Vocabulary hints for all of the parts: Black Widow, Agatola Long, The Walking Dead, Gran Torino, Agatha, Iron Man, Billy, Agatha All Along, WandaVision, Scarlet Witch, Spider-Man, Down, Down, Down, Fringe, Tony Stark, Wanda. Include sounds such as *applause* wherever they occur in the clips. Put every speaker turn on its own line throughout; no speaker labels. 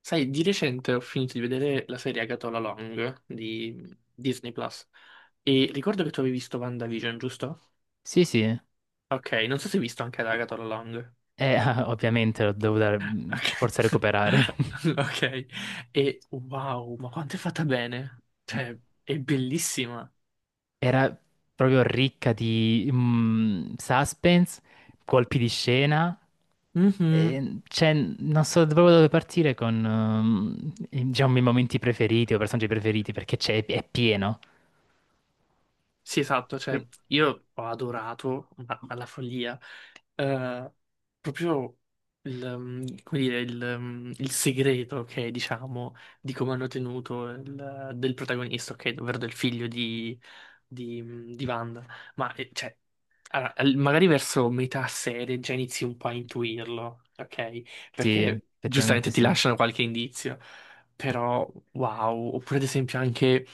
Sai, di recente ho finito di vedere la serie Agatola Long di Disney Plus e ricordo che tu avevi visto WandaVision, giusto?
Sì, sì,
Ok, non so se hai visto anche Agatola Long.
*laughs* ovviamente l'ho dovuta
Ok.
per forza
*laughs*
recuperare.
Ok. E wow, ma quanto è fatta bene! Cioè,
*laughs*
è bellissima.
Era proprio ricca di suspense, colpi di scena.
Mhm.
E, cioè, non so proprio dove partire con diciamo, i miei momenti preferiti o personaggi preferiti perché è pieno.
Sì, esatto, cioè
Quindi-
io ho adorato alla follia eh, proprio come dire, il segreto che diciamo di come hanno tenuto del protagonista, ok, ovvero del figlio di, di Wanda, ma cioè allora, magari verso metà serie già inizi un po' a intuirlo, ok?
Sì,
Perché
effettivamente
giustamente ti
sì.
lasciano qualche indizio, però wow, oppure ad esempio anche,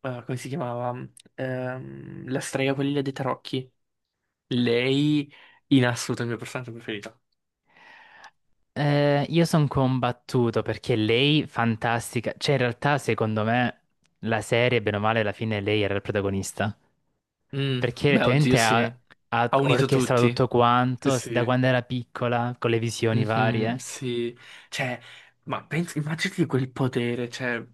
come si chiamava? La strega quella dei tarocchi. Lei, in assoluto, è il mio personaggio preferito.
Io sono combattuto perché lei, fantastica, cioè in realtà secondo me la serie, bene o male, alla fine lei era il protagonista.
Mm,
Perché
beh, oddio,
letteralmente
sì.
ha
Ha unito
orchestrato
tutti.
tutto
Sì,
quanto da
sì.
quando era piccola, con le visioni
Mhm,
varie.
sì. Cioè, ma pensi, immaginati quel potere, cioè,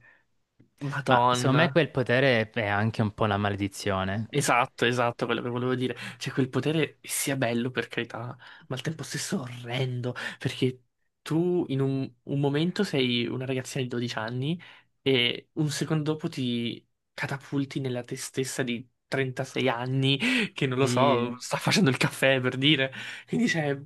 Ma secondo me
Madonna.
quel potere è anche un po' una maledizione.
Esatto, esatto, quello che volevo dire. Cioè, quel potere sia bello, per carità, ma al tempo stesso orrendo, perché tu in un momento sei una ragazzina di 12 anni e un secondo dopo ti catapulti nella te stessa di 36 anni che, non lo so,
Sì,
sta facendo il caffè, per dire. Quindi, cioè,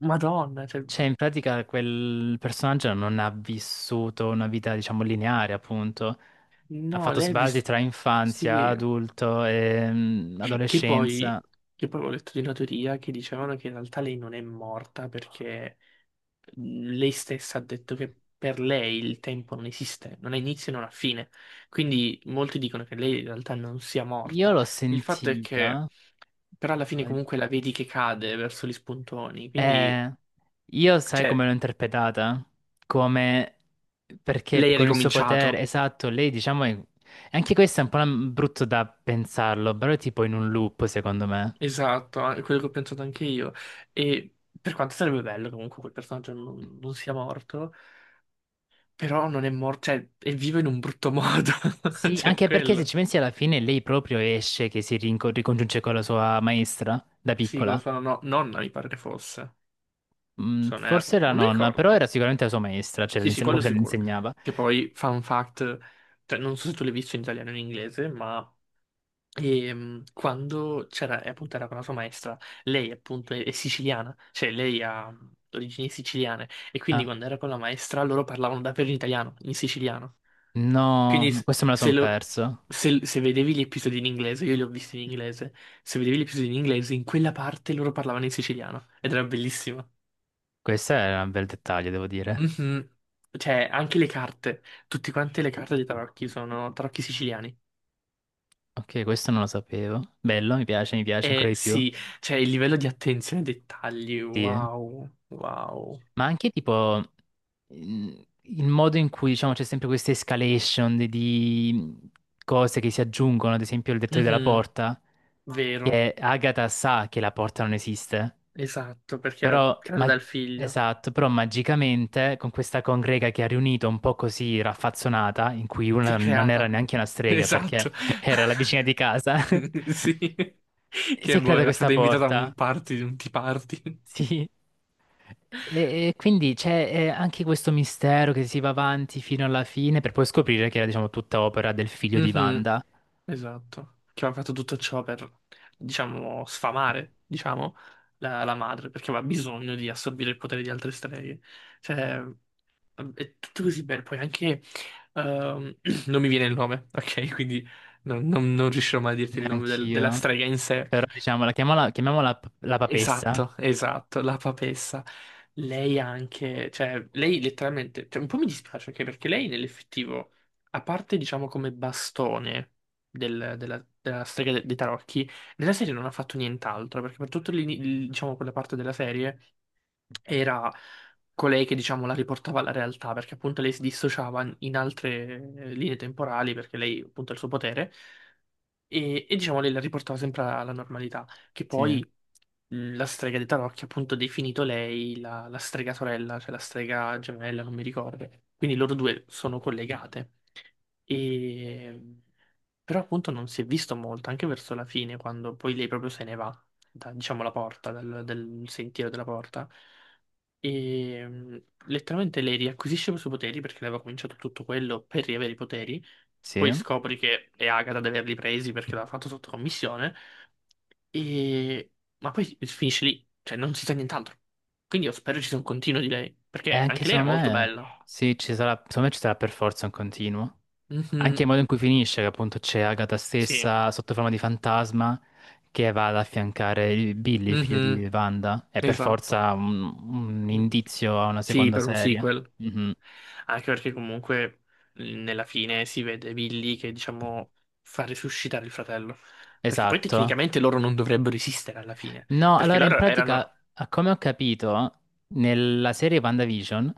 Madonna, cioè,
cioè in pratica quel personaggio non ha vissuto una vita, diciamo, lineare, appunto. Ha
no,
fatto
lei ha
sbalzi
visto...
tra infanzia,
Sì,
adulto e
che poi...
adolescenza.
Che poi ho letto di una teoria che dicevano che in realtà lei non è morta perché lei stessa ha detto che per lei il tempo non esiste, non ha inizio e non ha fine. Quindi molti dicono che lei in realtà non sia
Io
morta.
l'ho
Il fatto è
sentita,
che, però alla fine
ma
comunque la vedi che cade verso gli spuntoni, quindi,
Eh, io sai come
cioè,
l'ho interpretata? Come Perché
lei ha
con il suo potere,
ricominciato.
esatto, lei diciamo anche questo è un po' brutto da pensarlo, però è tipo in un loop, secondo me.
Esatto, è quello che ho pensato anche io. E per quanto sarebbe bello comunque quel personaggio non sia morto, però non è morto, cioè, è vivo in un brutto modo. *laughs*
Sì,
Cioè,
anche perché se
quello.
ci pensi alla fine lei proprio esce che si ricongiunge con la sua maestra da
Sì, con la
piccola.
sua nonna mi pare che fosse. Son Air,
Forse era la
non mi
nonna, però era
ricordo.
sicuramente la sua maestra, cioè
Sì, sì,
come
quello
se le
sicuro.
insegnava.
Che poi, fun fact, cioè, non so se tu l'hai visto in italiano o in inglese, ma quando c'era, e appunto era con la sua maestra, lei appunto è siciliana, cioè lei ha origini siciliane, e quindi
Ah,
quando era con la maestra loro parlavano davvero in italiano, in siciliano.
no,
Quindi
no,
s-
questo me la
se,
son
lo-
perso.
se- se vedevi gli episodi in inglese, io li ho visti in inglese, se vedevi gli episodi in inglese, in quella parte loro parlavano in siciliano, ed era bellissimo.
Questo è un bel dettaglio, devo dire.
Mhm. Cioè, anche le carte, tutte quante le carte di tarocchi sono tarocchi siciliani.
Ok, questo non lo sapevo. Bello, mi piace ancora
E
di più.
sì, cioè il livello di attenzione ai dettagli,
Sì.
wow, wow.
Ma anche tipo mm, il modo in cui diciamo c'è sempre questa escalation di cose che si aggiungono, ad esempio il dettaglio della
Mhm,
porta,
vero,
che Agatha sa che la porta non esiste,
esatto, perché era
però,
creata dal figlio.
esatto, però magicamente con questa congrega che ha riunito un po' così raffazzonata, in cui
Si
una
è
non era
creata,
neanche una
*laughs*
strega perché
esatto. *laughs*
*laughs* era la vicina di casa, *laughs*
Sì,
si è
che boh,
creata
era
questa
stata invitata a un
porta.
party, un tea party. *laughs*
Sì. E quindi c'è anche questo mistero che si va avanti fino alla fine per poi scoprire che era, diciamo, tutta opera del figlio di
Mhm.
Wanda.
Esatto, che aveva fatto tutto ciò per, diciamo, sfamare, diciamo, la madre, perché aveva bisogno di assorbire il potere di altre streghe. Cioè, mm, è tutto così bello. Poi anche, ehm, *clears throat* non mi viene il nome, ok? Quindi non riuscirò mai a dirti il nome della
Neanch'io.
strega in sé.
Però, diciamo, la chiamiamola la papessa.
Esatto, esatto, la papessa. Lei anche, cioè, lei letteralmente, cioè, un po' mi dispiace anche perché lei nell'effettivo, a parte diciamo come bastone della strega dei tarocchi, nella serie non ha fatto nient'altro, perché per tutta diciamo, quella parte della serie era colei che diciamo la riportava alla realtà, perché appunto lei si dissociava in altre linee temporali, perché lei appunto ha il suo potere, diciamo lei la riportava sempre alla normalità, che
Sì.
poi la strega di Tarocchi ha appunto definito lei la strega sorella, cioè la strega gemella, non mi ricordo. Quindi loro due sono collegate. E... Però appunto non si è visto molto, anche verso la fine, quando poi lei proprio se ne va da, diciamo, la porta, del sentiero della porta. E letteralmente lei riacquisisce i suoi poteri perché lei aveva cominciato tutto quello per riavere i poteri.
Sì.
Poi scopri che è Agatha ad averli presi perché l'ha fatto sotto commissione. E... Ma poi finisce lì, cioè non si sa nient'altro. Quindi io spero ci sia un continuo di lei,
E
perché
anche
anche lei era
secondo
molto
me,
bella.
sì, ci sarà, secondo me ci sarà per forza un continuo. Anche
Mhm.
il modo in cui finisce, che appunto c'è Agatha
Sì.
stessa sotto forma di fantasma che va ad affiancare Billy, figlio
Mhm.
di Wanda. È per
Esatto.
forza un
Mm.
indizio a una
Sì,
seconda
per un
serie.
sequel.
Mhm.
Anche perché comunque nella fine si vede Billy che, diciamo, fa risuscitare il fratello. Perché poi
Esatto.
tecnicamente loro non dovrebbero esistere alla fine.
No,
Perché
allora in
loro erano...
pratica, a come ho capito, nella serie WandaVision,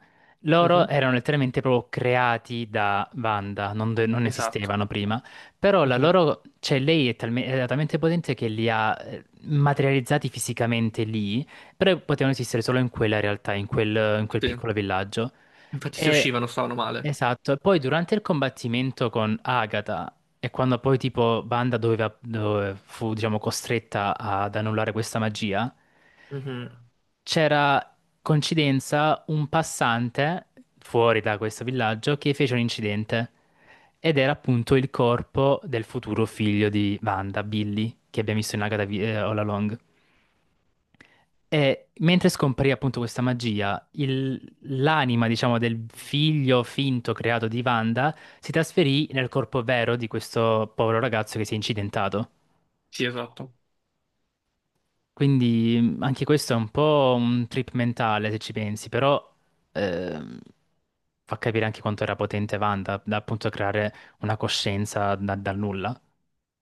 loro
Mhm.
erano letteralmente proprio creati da Wanda, non
Esatto.
esistevano prima, però la
Mhm.
loro, cioè lei era talmente potente che li ha materializzati fisicamente lì, però potevano esistere solo in quella realtà, in quel,
Sì.
piccolo villaggio.
Infatti se
E,
uscivano stavano male.
esatto, e poi durante il combattimento con Agatha e quando poi tipo Banda dove fu diciamo costretta ad annullare questa magia,
Mhm.
c'era coincidenza un passante fuori da questo villaggio che fece un incidente ed era appunto il corpo del futuro figlio di Banda, Billy, che abbiamo visto in Agatha All Along. E mentre scomparì appunto questa magia, l'anima, diciamo, del figlio finto creato di Wanda si trasferì nel corpo vero di questo povero ragazzo che si è incidentato.
Sì, esatto.
Quindi anche questo è un po' un trip mentale se ci pensi, però ehm, fa capire anche quanto era potente Wanda da appunto creare una coscienza dal nulla.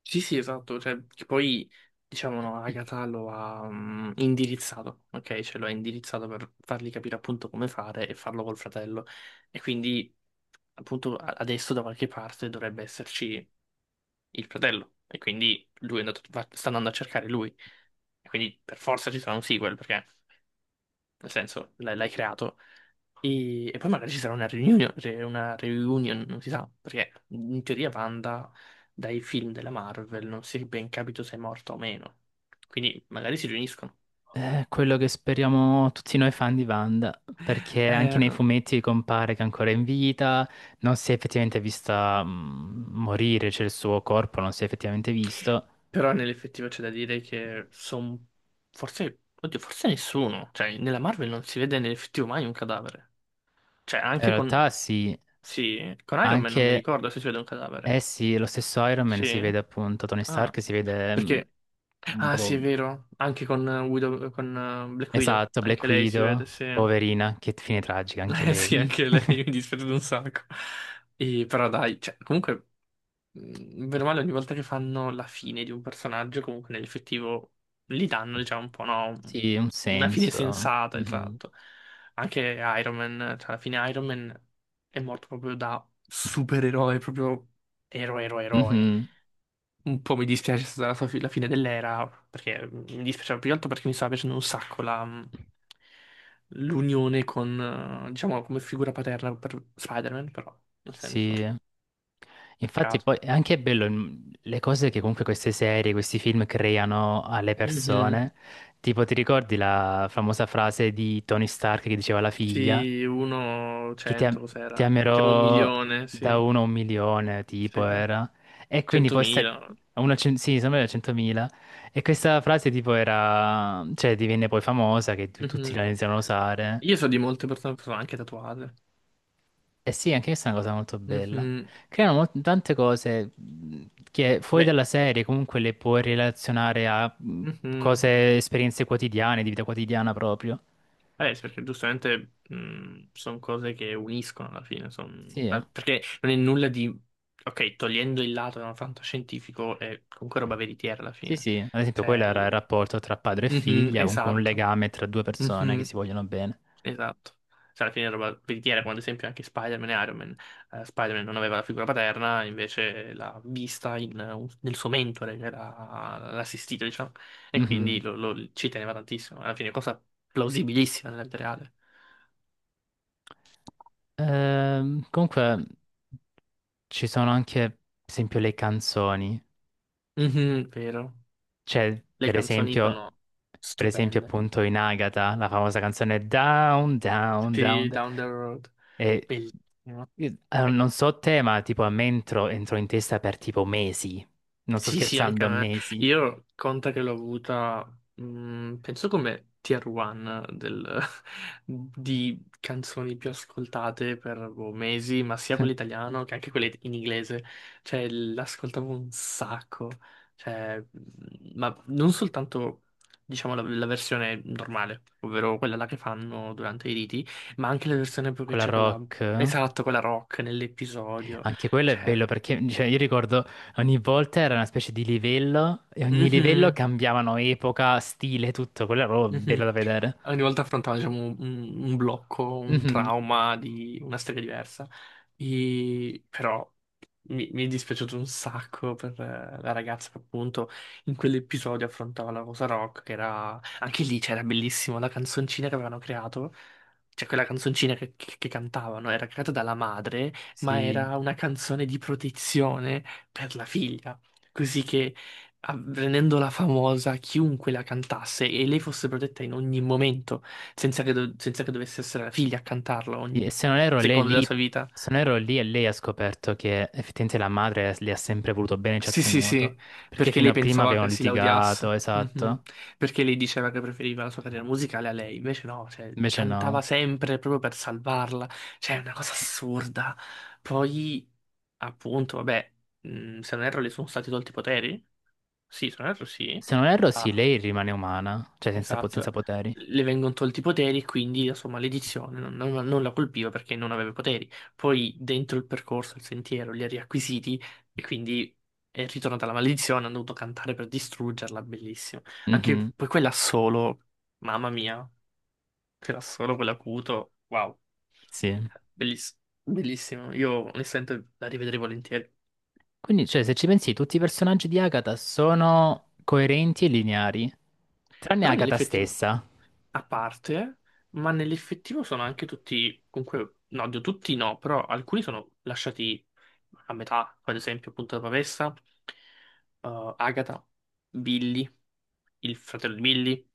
Sì, sì, esatto. Cioè, che poi, diciamo, no, Agatha lo ha indirizzato, ok? Cioè lo ha indirizzato per fargli capire appunto come fare e farlo col fratello. E quindi appunto adesso da qualche parte dovrebbe esserci il fratello e quindi lui è andato, sta andando a cercare lui e quindi per forza ci sarà un sequel perché nel senso l'hai creato poi magari ci sarà una reunion, una reunion, non si sa perché in teoria Wanda dai film della Marvel non si è ben capito se è morta o meno quindi magari si riuniscono.
È quello che speriamo tutti noi fan di Wanda, perché anche nei
Eh,
fumetti compare che è ancora in vita, non si è effettivamente vista morire, cioè il suo corpo non si è effettivamente visto.
però nell'effettivo c'è da dire che sono forse, oddio, forse nessuno, cioè nella Marvel non si vede nell'effettivo mai un cadavere, cioè
In
anche con...
realtà sì,
Sì, con Iron Man non mi
anche
ricordo se si vede un
eh
cadavere.
sì, lo stesso Iron Man si
Sì?
vede appunto, Tony
Ah,
Stark si vede
perché...
un
Ah, sì,
po'.
è vero. Anche con, Black Widow.
Esatto, Black
Anche lei si vede,
Widow,
sì. *laughs*
poverina, che fine tragica anche
Eh sì,
lei.
anche
Mm.
lei mi dispiace un sacco. E, però dai, cioè, comunque bene o male, ogni volta che fanno la fine di un personaggio, comunque nell'effettivo gli danno, diciamo, un po', no? un-
Sì, un
Una fine
senso.
sensata,
Mhm.
esatto. Anche Iron Man, cioè alla fine Iron Man è morto proprio da supereroe, proprio eroe, eroe, eroe.
Mhm.
Un po' mi dispiace stata la fine dell'era, perché mi dispiaceva più che altro perché mi stava piacendo un sacco la... l'unione con, diciamo, come figura paterna per Spider-Man, però, nel senso,
Sì. Infatti
peccato.
poi è anche bello le cose che comunque queste serie, questi film creano alle
Mhm.
persone. Tipo, ti ricordi la famosa frase di Tony Stark che diceva alla figlia
Sì, uno,
che
cento,
ti
cos'era? Siamo un
amerò
milione,
da
sì.
uno a un milione, tipo
Sì,
era. E quindi poi sta...
centomila.
a uno a cen- sì, sembra da 100.000. E questa frase tipo era, cioè divenne poi famosa che tutti
Mhm.
la iniziano a usare.
Io so di molte persone che sono anche tatuate.
Eh sì, anche questa è una cosa molto bella.
Mhm.
Creano tante cose che fuori
Beh,
dalla serie comunque le puoi relazionare a
mhm.
cose, esperienze quotidiane, di vita quotidiana proprio.
Sì, perché giustamente sono cose che uniscono alla fine. Son-
Sì, eh.
ma Perché non è nulla di... Ok, togliendo il lato da fantascientifico, è comunque roba veritiera alla
Sì,
fine.
sì. Ad esempio, quello
Cioè...
era il
il-
rapporto tra padre e
Mhm,
figlia, comunque un
esatto.
legame tra due persone che
Mhm.
si vogliono bene.
Esatto. Cioè, alla fine è roba veritiera, come ad esempio anche Spider-Man e Iron Man. Spider-Man non aveva la figura paterna, invece l'ha vista in, nel suo mentore, che era l'assistito, diciamo, e
Mhm.
quindi ci teneva tantissimo. Alla fine è cosa plausibilissima nella vita reale.
Comunque ci sono anche, per esempio, le canzoni.
Mhm, vero.
Cioè,
Le
per
canzoni
esempio,
sono
per esempio
stupende.
appunto in Agatha, la famosa canzone Down, Down, Down.
Sì,
Down.
Down the Road,
E,
bellissimo. Eh,
non so te, ma tipo a me entrò in testa per tipo mesi. Non sto
Sì, sì, anche a
scherzando,
me.
mesi.
Io conta che l'ho avuta, penso come tier 1 *laughs* di canzoni più ascoltate per boh, mesi, ma sia quelle
*laughs*
italiano che anche quelle in inglese. Cioè, l'ascoltavo un sacco. Cioè, ma non soltanto, diciamo, la versione normale, ovvero quella là che fanno durante i riti, ma anche la versione proprio che
Quella
c'è quella...
rock.
Esatto, quella rock nell'episodio.
Anche quello è
Cioè...
bello perché cioè, io ricordo ogni volta era una specie di livello e ogni livello
mhm.
cambiavano epoca, stile, tutto. Quello era proprio bello da
Mhm.
vedere.
Ogni volta affrontava, diciamo, un blocco, un
Mhm.
trauma di una storia diversa. E- Però mi è dispiaciuto un sacco per la ragazza che appunto in quell'episodio affrontava la Rosa Rock, che era... Anche lì c'era bellissimo la canzoncina che avevano creato. Cioè, quella canzoncina che cantavano era creata dalla madre, ma
Sì.
era una canzone di protezione per la figlia. Così che rendendola famosa, chiunque la cantasse e lei fosse protetta in ogni momento, senza che, senza che dovesse essere la figlia a cantarla
Sì,
ogni secondo della sua vita.
Se non erro lì, e lei ha scoperto che effettivamente la madre le ha sempre voluto bene, ci ha
Sì, sì,
tenuto,
sì,
perché
perché
fino
lei
a prima
pensava
avevano
che si
litigato,
laureasse. Mhm.
esatto.
Perché lei diceva che preferiva la sua carriera musicale a lei, invece no, cioè,
Invece
cantava
no.
sempre proprio per salvarla, cioè è una cosa assurda. Poi, appunto, vabbè, se non erro le sono stati tolti i poteri? Sì, se non erro sì.
Se non erro, sì,
Ah,
lei rimane umana, cioè senza
esatto,
poteri.
le vengono tolti i poteri e quindi la sua maledizione non la colpiva perché non aveva poteri. Poi dentro il percorso, il sentiero, li ha riacquisiti e quindi è ritornata la maledizione, hanno dovuto cantare per distruggerla, bellissimo. Anche
Mhm,
poi quella solo, mamma mia, quella solo, quell'acuto, wow,
sì.
belliss- bellissimo. Io onestamente la rivedrei volentieri.
Quindi, cioè, se ci pensi, tutti i personaggi di Agatha sono coerenti e lineari, tranne
Però
Agatha
nell'effettivo,
stessa.
a parte, ma nell'effettivo sono anche tutti, comunque, no, oddio, tutti no, però alcuni sono lasciati a metà, come ad esempio appunto la Pavessa, Agatha, Billy, il fratello di Billy,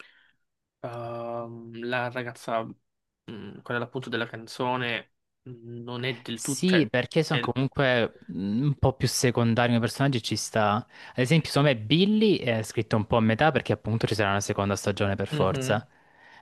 la ragazza, quella appunto della canzone, mh, non è del tutto,
Sì,
cioè,
perché sono
è-
comunque un po' più secondari come personaggi, ci sta. Ad esempio, secondo me Billy è scritto un po' a metà perché appunto ci sarà una seconda stagione per forza.
Mhm.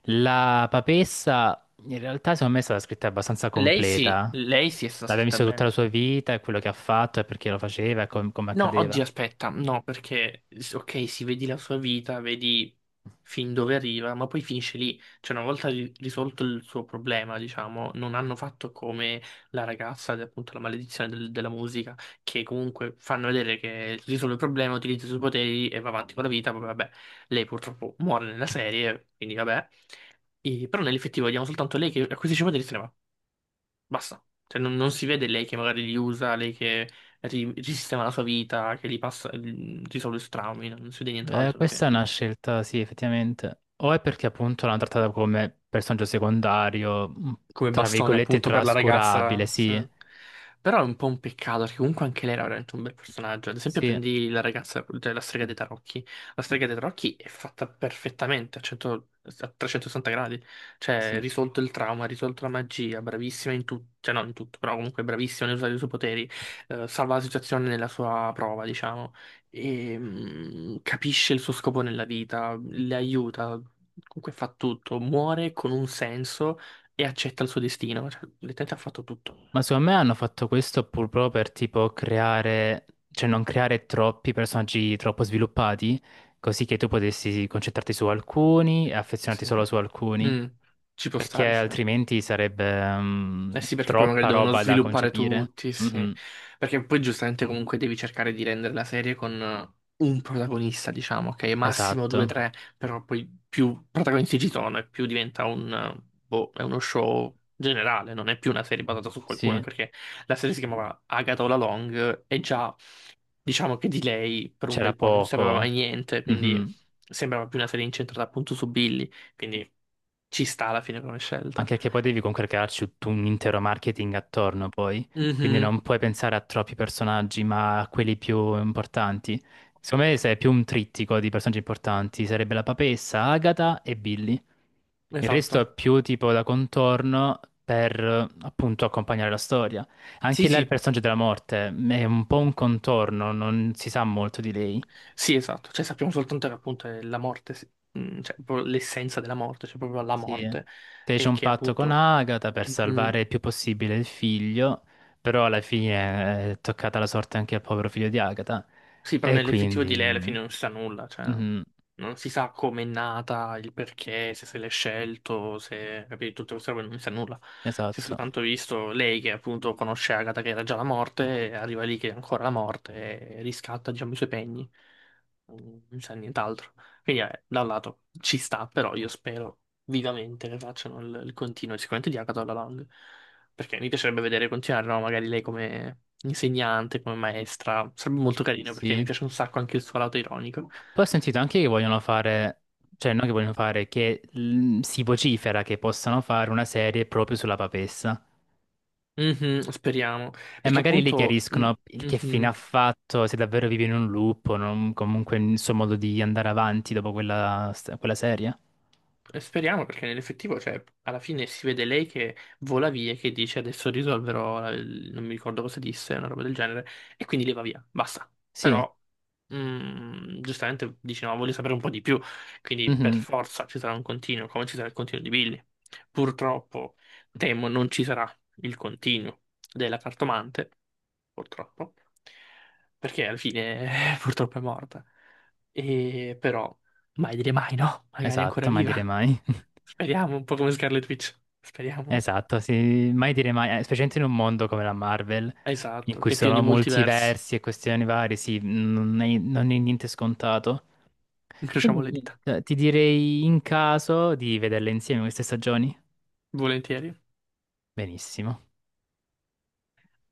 La papessa, in realtà, secondo me è stata scritta abbastanza completa.
Lei sì è stata
L'abbiamo
scritta
visto tutta la
bene.
sua vita e quello che ha fatto e perché lo faceva e come
No, oggi
accadeva.
aspetta, no, perché ok, si vedi la sua vita, vedi fin dove arriva, ma poi finisce lì. Cioè, una volta risolto il suo problema, diciamo, non hanno fatto come la ragazza, appunto, la maledizione della musica, che comunque fanno vedere che risolve il problema, utilizza i suoi poteri e va avanti con la vita. Poi, vabbè, lei purtroppo muore nella serie, quindi vabbè. Però nell'effettivo vediamo soltanto lei che acquisisce poteri e se ne va. Basta. Cioè, non si vede lei che magari li usa, lei che risistema la sua vita, che gli passa, risolve i suoi traumi, non si vede nient'altro.
Questa è una scelta, sì, effettivamente. O è perché appunto l'hanno trattata come personaggio secondario,
Come
tra
bastone
virgolette
appunto per la
trascurabile,
ragazza.
sì.
Sì. Però è un po' un peccato perché comunque anche lei era veramente un bel personaggio. Ad esempio,
Sì.
prendi la ragazza, cioè la strega dei tarocchi. La strega dei tarocchi è fatta perfettamente a 100 a 360 gradi. Cioè,
Sì.
risolto il trauma, risolto la magia, bravissima in tutto, cioè non in tutto, però comunque bravissima nell'usare i suoi poteri, salva la situazione nella sua prova, diciamo, e capisce il suo scopo nella vita, le aiuta. Comunque fa tutto, muore con un senso e accetta il suo destino. Cioè, letteralmente ha fatto tutto.
Ma secondo me hanno fatto questo pur proprio per tipo creare, cioè non creare troppi personaggi troppo sviluppati, così che tu potessi concentrarti su alcuni e affezionarti
Sì.
solo su alcuni,
Mm. Ci può
perché
stare, sì.
altrimenti sarebbe
Eh sì, perché poi magari
troppa
devono
roba da
sviluppare
concepire.
tutti, sì.
Mhm,
Perché poi giustamente comunque devi cercare di rendere la serie con un protagonista, diciamo, ok? Massimo due,
esatto,
tre, però poi più protagonisti ci sono e più diventa un... boh, è uno show generale, non è più una serie basata su qualcuno,
sì,
anche perché la serie si chiamava Agatha All Along e già diciamo che di lei per un
c'era
bel po' non sapeva mai
poco.
niente, quindi
Mhm.
sembrava più una serie incentrata appunto su Billy, quindi ci sta alla fine come scelta.
Anche perché poi devi comunque crearci tutto un intero marketing attorno poi, quindi
Mhm.
non puoi pensare a troppi personaggi, ma a quelli più importanti. Secondo me se è più un trittico di personaggi importanti, sarebbe la papessa, Agatha e Billy. Il resto
Esatto.
è più tipo da contorno per appunto accompagnare la storia.
Sì,
Anche là il
sì,
personaggio della morte è un po' un contorno, non si sa molto di lei.
sì, esatto. Cioè, sappiamo soltanto che appunto è la morte, sì. Mm, cioè proprio l'essenza della morte, cioè proprio la
Sì,
morte,
fece
e
un
che
patto con
appunto
Agatha per
mm, mm,
salvare il più possibile il figlio, però alla fine è toccata la sorte anche al povero figlio di Agatha.
sì, però
E
nell'effettivo di lei alla
quindi.
fine non si sa nulla, cioè
Mhm,
non si sa come è nata, il perché, se se l'è scelto, se capito, tutte queste robe non si sa nulla. Si è
esatto,
soltanto visto lei che appunto conosce Agatha che era già la morte, e arriva lì che è ancora la morte e riscatta, diciamo, i suoi pegni. Non si sa nient'altro. Quindi da un lato ci sta, però io spero vivamente che facciano il continuo, e sicuramente di Agatha alla Lang. Perché mi piacerebbe vedere continuare, no? Magari lei come insegnante, come maestra. Sarebbe molto carino perché mi
sì.
piace un sacco anche il suo lato ironico.
Poi ho sentito anche che vogliono fare, cioè non che vogliono fare, che si vocifera che possano fare una serie proprio sulla papessa.
Mhm, speriamo.
E
Perché
magari lì
appunto. Mm.
chiariscono il che fine ha
Mhm.
fatto, se davvero vive in un loop o comunque il suo modo di andare avanti dopo quella serie.
E speriamo perché nell'effettivo, cioè, alla fine si vede lei che vola via e che dice adesso risolverò, non mi ricordo cosa disse, una roba del genere, e quindi lei va via, basta.
Sì.
Però, giustamente dice no, voglio sapere un po' di più, quindi per
Mhm.
forza ci sarà un continuo, come ci sarà il continuo di Billy. Purtroppo, temo, non ci sarà il continuo della cartomante, purtroppo, perché alla fine *laughs* purtroppo è morta. E però, mai dire mai, no? Magari è ancora
Esatto, mai dire
viva.
mai. *laughs*
Speriamo, un po' come Scarlet Witch. Speriamo.
Esatto, sì, mai dire mai, specialmente in un mondo come la Marvel, in
Esatto,
cui
che
ci
è pieno
sono
di multiversi.
multiversi e questioni varie, sì, non è niente scontato.
Incrociamo
Quindi
le dita.
niente, ti direi in caso di vederle insieme queste stagioni.
Volentieri.
Benissimo.